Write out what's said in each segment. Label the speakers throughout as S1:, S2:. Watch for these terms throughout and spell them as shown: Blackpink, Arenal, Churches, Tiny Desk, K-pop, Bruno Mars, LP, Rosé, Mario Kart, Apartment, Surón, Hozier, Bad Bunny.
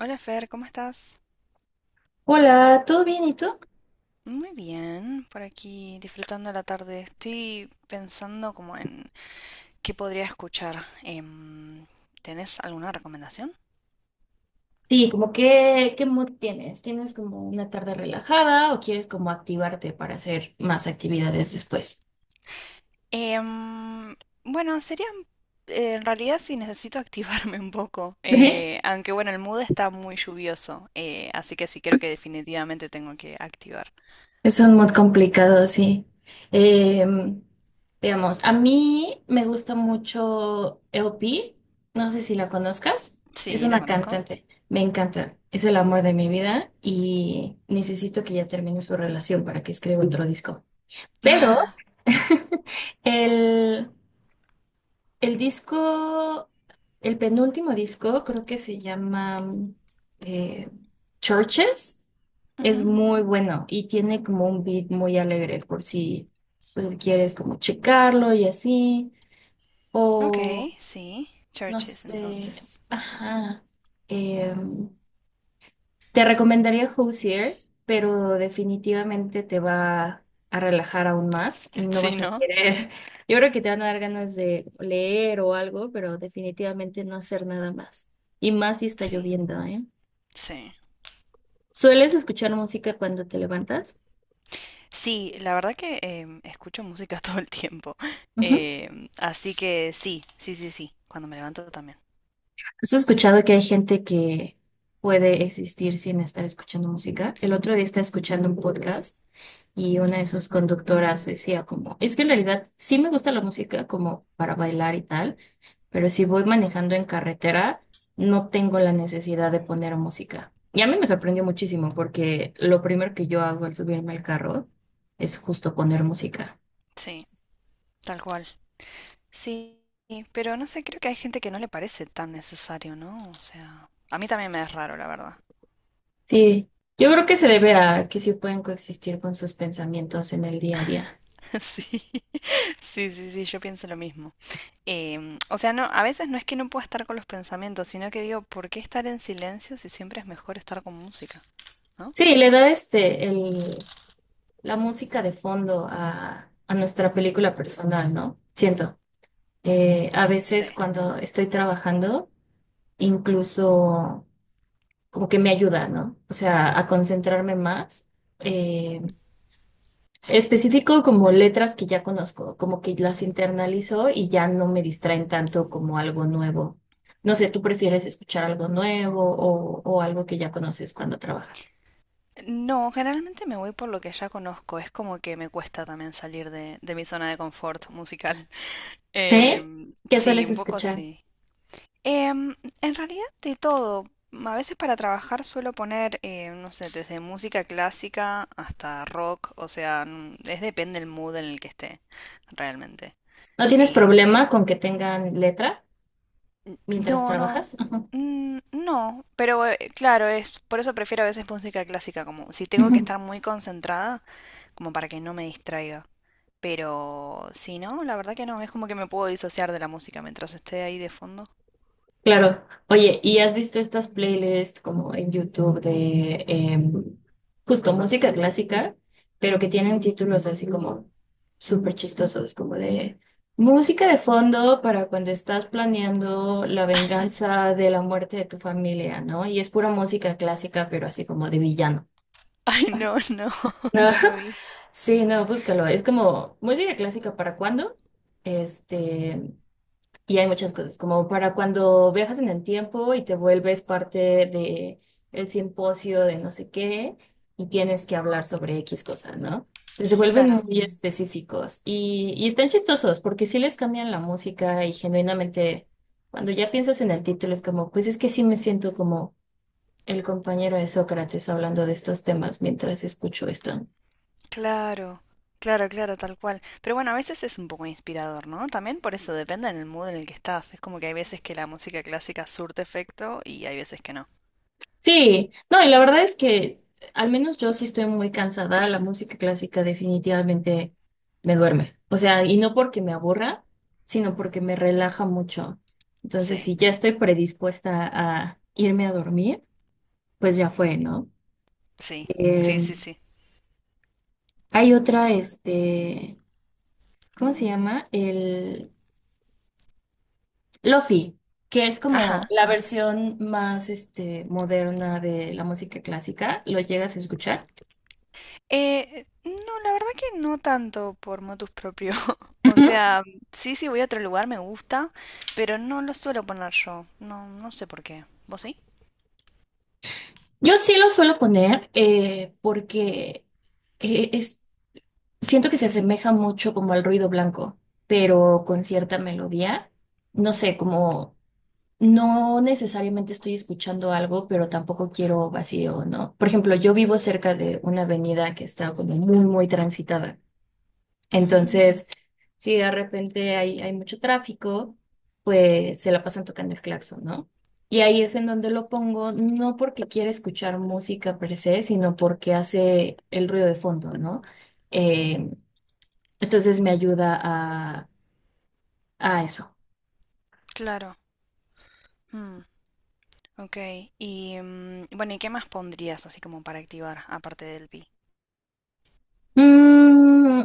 S1: Hola Fer, ¿cómo estás?
S2: Hola, ¿todo bien? ¿Y tú?
S1: Muy bien, por aquí disfrutando la tarde. Estoy pensando como en qué podría escuchar. ¿Tenés alguna recomendación?
S2: Sí, como qué, qué mood tienes? ¿Tienes como una tarde relajada o quieres como activarte para hacer más actividades después?
S1: Em, bueno, sería en realidad si necesito activarme un poco,
S2: Ujú.
S1: aunque bueno, el mood está muy lluvioso, así que sí, creo que definitivamente tengo que activar.
S2: Es un mood complicado, sí. Em, Veamos, a mí me gusta mucho LP, no sé si la conozcas, es
S1: Sí, la
S2: una
S1: conozco.
S2: cantante, me encanta, es el amor de mi vida y necesito que ya termine su relación para que escriba otro disco. Pero el... el disco, el penúltimo disco, creo que se llama eh, Churches, es
S1: Ujú.
S2: muy bueno y tiene como un beat muy alegre por si pues, quieres como checarlo y así, o
S1: Ok, sí.
S2: no
S1: Churches
S2: sé,
S1: entonces.
S2: ajá, em, te recomendaría Hozier, pero definitivamente te va a relajar aún más y no
S1: Sí,
S2: vas a
S1: ¿no?
S2: querer. Yo creo que te van a dar ganas de leer o algo, pero definitivamente no hacer nada más. Y más si está
S1: Sí,
S2: lloviendo, ¿eh?
S1: sí.
S2: ¿Sueles escuchar música cuando te levantas?
S1: Sí, la verdad que escucho música todo el tiempo. Así que sí, sí, sí, sí. Cuando me levanto también.
S2: ¿Has escuchado que hay gente que puede existir sin estar escuchando música? El otro día estaba escuchando un podcast y una de sus conductoras decía como, es que en realidad sí me gusta la música como para bailar y tal, pero si voy manejando en carretera, no tengo la necesidad de poner música. Y a mí me sorprendió muchísimo porque lo primero que yo hago al subirme al carro es justo poner música.
S1: Sí, tal cual. Sí, pero no sé, creo que hay gente que no le parece tan necesario, ¿no? O sea, a mí también me es raro, la verdad.
S2: Sí, yo creo que se debe a que sí pueden coexistir con sus pensamientos en el día a día.
S1: Sí, sí, sí, sí, yo pienso lo mismo. O sea, no, a veces no es que no pueda estar con los pensamientos, sino que digo, ¿por qué estar en silencio si siempre es mejor estar con música, ¿no?
S2: Sí, le da la música de fondo a nuestra película personal, ¿no? Siento. A
S1: Sí.
S2: veces cuando estoy trabajando, incluso como que me ayuda, ¿no? O sea, a concentrarme más. Eh, Específico como letras que ya conozco, como que las internalizo y ya no me distraen tanto como algo nuevo. No sé, ¿tú prefieres escuchar algo nuevo o algo que ya conoces cuando trabajas?
S1: No, generalmente me voy por lo que ya conozco. Es como que me cuesta también salir de mi zona de confort musical.
S2: ¿Sí? ¿Qué
S1: Sí,
S2: sueles
S1: un poco
S2: escuchar?
S1: sí. Em, en realidad de todo. A veces para trabajar suelo poner, no sé, desde música clásica hasta rock. O sea, es depende del mood en el que esté, realmente.
S2: ¿No tienes
S1: Em,
S2: problema con que tengan letra mientras
S1: no, no.
S2: trabajas? Ujú.
S1: No, pero claro, es por eso prefiero a veces música clásica, como si tengo que
S2: Ujú.
S1: estar muy concentrada, como para que no me distraiga. Pero si no, la verdad que no, es como que me puedo disociar de la música mientras esté ahí de fondo.
S2: Claro. Oye, ¿y has visto estas playlists como en YouTube de justo música clásica, pero que tienen títulos así como súper chistosos, como de música de fondo para cuando estás planeando la venganza de la muerte de tu familia, ¿no? Y es pura música clásica, pero así como de villano.
S1: Ay, no, no,
S2: No,
S1: no lo vi.
S2: sí, no, búscalo. ¿Es como música clásica para cuándo? Este, Y hay muchas cosas, como para cuando viajas en el tiempo y te vuelves parte de el simposio de no sé qué y tienes que hablar sobre X cosa, ¿no? Se vuelven
S1: Claro,
S2: muy Mm. específicos y están chistosos porque sí les cambian la música y genuinamente cuando ya piensas en el título es como, pues es que sí me siento como el compañero de Sócrates hablando de estos temas mientras escucho esto, ¿no?
S1: claro, claro, claro, tal cual. Pero bueno, a veces es un poco inspirador, ¿no? También por eso depende del mood en el que estás. Es como que hay veces que la música clásica surte efecto y hay veces que no.
S2: Sí, no, y la verdad es que al menos yo sí estoy muy cansada, la música clásica definitivamente me duerme. O sea, y no porque me aburra, sino porque me relaja mucho. Entonces,
S1: Sí,
S2: si ya estoy predispuesta a irme a dormir, pues ya fue, ¿no?
S1: sí,
S2: Eh,
S1: sí, sí, sí,
S2: Hay
S1: tal
S2: otra, ¿cómo se llama? El Lofi, que es
S1: cual.
S2: como la versión más, este, moderna de la música clásica. ¿Lo llegas a escuchar?
S1: No, la verdad que no tanto por motus propio. O
S2: Ujú.
S1: sea, sí, sí, voy a otro lugar, me gusta, pero no lo suelo poner yo. No, no sé por qué. ¿Vos sí?
S2: Yo sí lo suelo poner porque eh, es, siento que se asemeja mucho como al ruido blanco, pero con cierta melodía. No sé, como no necesariamente estoy escuchando algo, pero tampoco quiero vacío, ¿no? Por ejemplo, yo vivo cerca de una avenida que está como muy transitada.
S1: Ujú,
S2: Entonces, si de repente hay mucho tráfico, pues se la pasan tocando el claxon, ¿no? Y ahí es en donde lo pongo, no porque quiera escuchar música per se, sino porque hace el ruido de fondo, ¿no? Eh, entonces me ayuda a eso.
S1: claro. Mm, ok. Y bueno, ¿y qué más pondrías así como para activar, aparte del pi?
S2: Mm,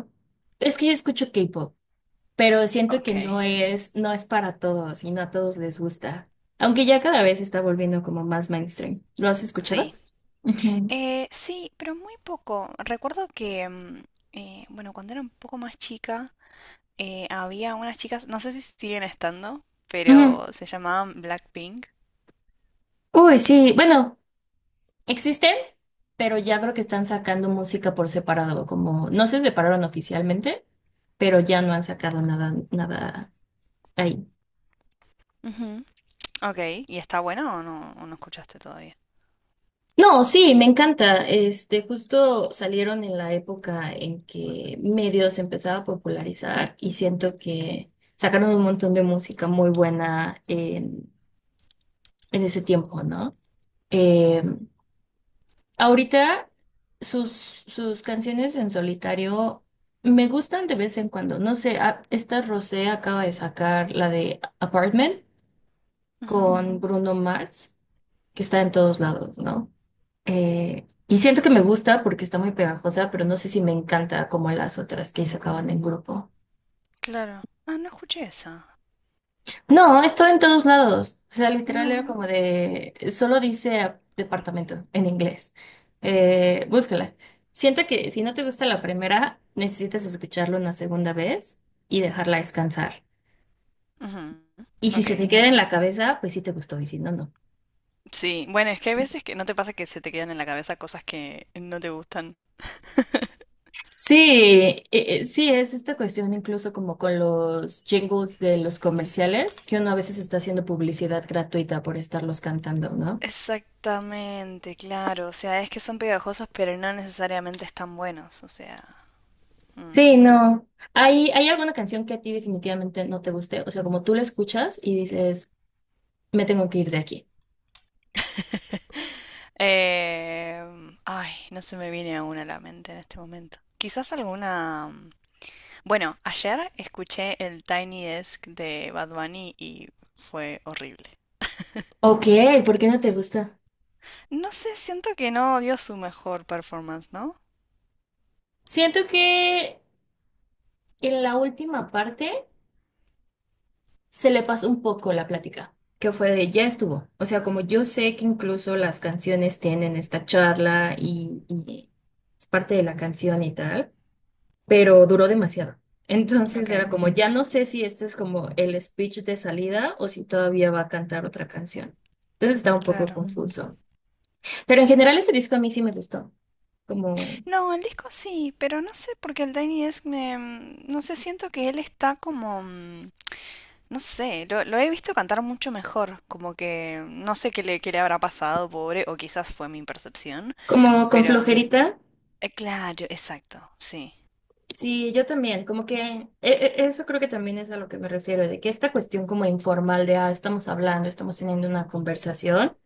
S2: es que yo escucho K-pop, pero siento que
S1: Ok.
S2: no es para todos y no a todos les gusta. Aunque ya cada vez se está volviendo como más mainstream. ¿Lo has escuchado?
S1: Sí.
S2: Ujú.
S1: Sí, pero muy poco. Recuerdo que, bueno, cuando era un poco más chica, había unas chicas, no sé si siguen estando,
S2: Ujú.
S1: pero se llamaban Blackpink.
S2: Uy, sí, bueno. Existen, pero ya creo que están sacando música por separado, como no se separaron oficialmente, pero ya no han sacado nada ahí.
S1: Ok, ¿y está buena o no escuchaste todavía?
S2: No, sí, me encanta. Este, justo salieron en la época en que medios empezaba a popularizar y siento que sacaron un montón de música muy buena en ese tiempo, ¿no? Eh, Ahorita sus, sus canciones en solitario me gustan de vez en cuando. No sé, esta Rosé acaba de sacar la de Apartment
S1: Ujú,
S2: con Bruno Mars, que está en todos lados, ¿no? Y siento que me gusta porque está muy pegajosa, pero no sé si me encanta como las otras que sacaban en grupo.
S1: claro. Ah, no escuché esa.
S2: No, estaba en todos lados. O sea, literal
S1: No.
S2: era como de, solo dice ah, departamento en inglés. Búscala. Siento que si no te gusta la primera, necesitas escucharlo una segunda vez y dejarla descansar.
S1: Ujú,
S2: Y si
S1: ok.
S2: se te queda en la cabeza, pues sí te gustó y si no, no.
S1: Sí, bueno, es que hay veces que no te pasa que se te quedan en la cabeza cosas que no te gustan.
S2: Sí, sí, es esta cuestión incluso como con los jingles de los comerciales, que uno a veces está haciendo publicidad gratuita por estarlos cantando, ¿no?
S1: Exactamente, claro. O sea, es que son pegajosos, pero no necesariamente están buenos. O sea. Mm.
S2: Sí, no. Hay alguna canción que a ti definitivamente no te guste? O sea, como tú la escuchas y dices, me tengo que ir de aquí.
S1: Eh, ay, no se me viene aún a la mente en este momento. Quizás alguna. Bueno, ayer escuché el Tiny Desk de Bad Bunny y fue horrible.
S2: Ok, ¿por qué no te gusta?
S1: No sé, siento que no dio su mejor performance, ¿no?
S2: Siento que en la última parte se le pasó un poco la plática, que fue de ya estuvo. O sea, como yo sé que incluso las canciones tienen esta charla y es parte de la canción y tal, pero duró demasiado.
S1: Ok,
S2: Entonces era como, ya no sé si este es como el speech de salida o si todavía va a cantar otra canción. Entonces estaba un poco
S1: claro.
S2: confuso. Pero en general ese disco a mí sí me gustó, como,
S1: No, el disco sí, pero no sé porque el Tiny Desk me. No sé, siento que él está como. No sé, lo he visto cantar mucho mejor, como que no sé qué qué le habrá pasado, pobre, o quizás fue mi percepción,
S2: como con
S1: pero...
S2: flojerita.
S1: claro, exacto, sí.
S2: Sí, yo también, como que eso creo que también es a lo que me refiero, de que esta cuestión como informal de, ah, estamos hablando, estamos teniendo una conversación,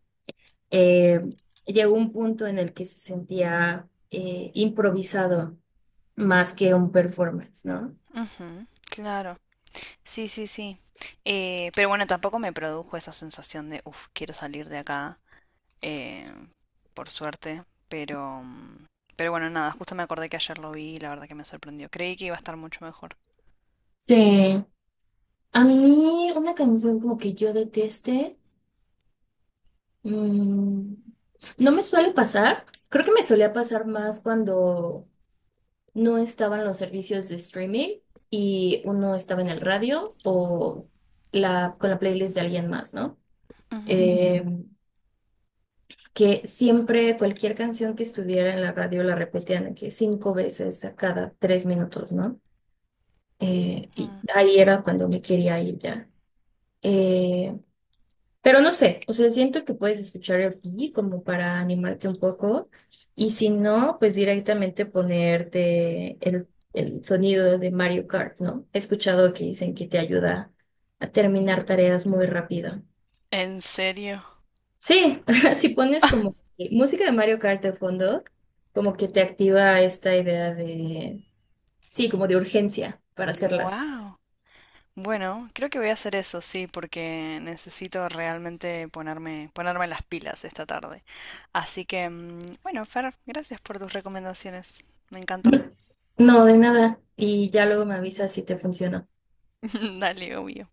S2: eh, llegó un punto en el que se sentía improvisado más que un performance, ¿no?
S1: Ujú, claro, sí, sí, sí. Pero bueno, tampoco me produjo esa sensación de, uff, quiero salir de acá. eh, por suerte, pero, mm, pero bueno, nada, justo me acordé que ayer lo vi y la verdad que me sorprendió. Creí que iba a estar mucho mejor.
S2: Sí, a mí una canción como que yo deteste, mm, no me suele pasar, creo que me solía pasar más cuando no estaban los servicios de streaming y uno estaba en el radio o con la playlist de alguien más, ¿no?
S1: Ujú.
S2: Eh, que siempre cualquier canción que estuviera en la radio la repetían de que cinco veces a cada tres minutos, ¿no? Y
S1: Mm.
S2: ahí era cuando me quería ir ya. Eh, Pero no sé, o sea, siento que puedes escuchar el pi como para animarte un poco y si no, pues directamente ponerte el sonido de Mario Kart, ¿no? He escuchado que dicen que te ayuda a terminar tareas muy rápido.
S1: ¿En serio?
S2: Sí, si pones como que música de Mario Kart de fondo, como que te activa esta idea de, sí, como de urgencia para hacer las cosas.
S1: Wow. Bueno, creo que voy a hacer eso, sí, porque necesito realmente ponerme, ponerme las pilas esta tarde. Así que, bueno, Fer, gracias por tus recomendaciones. Me encantó.
S2: No, de nada. Y ya luego me avisas si te funcionó.
S1: Dale, obvio.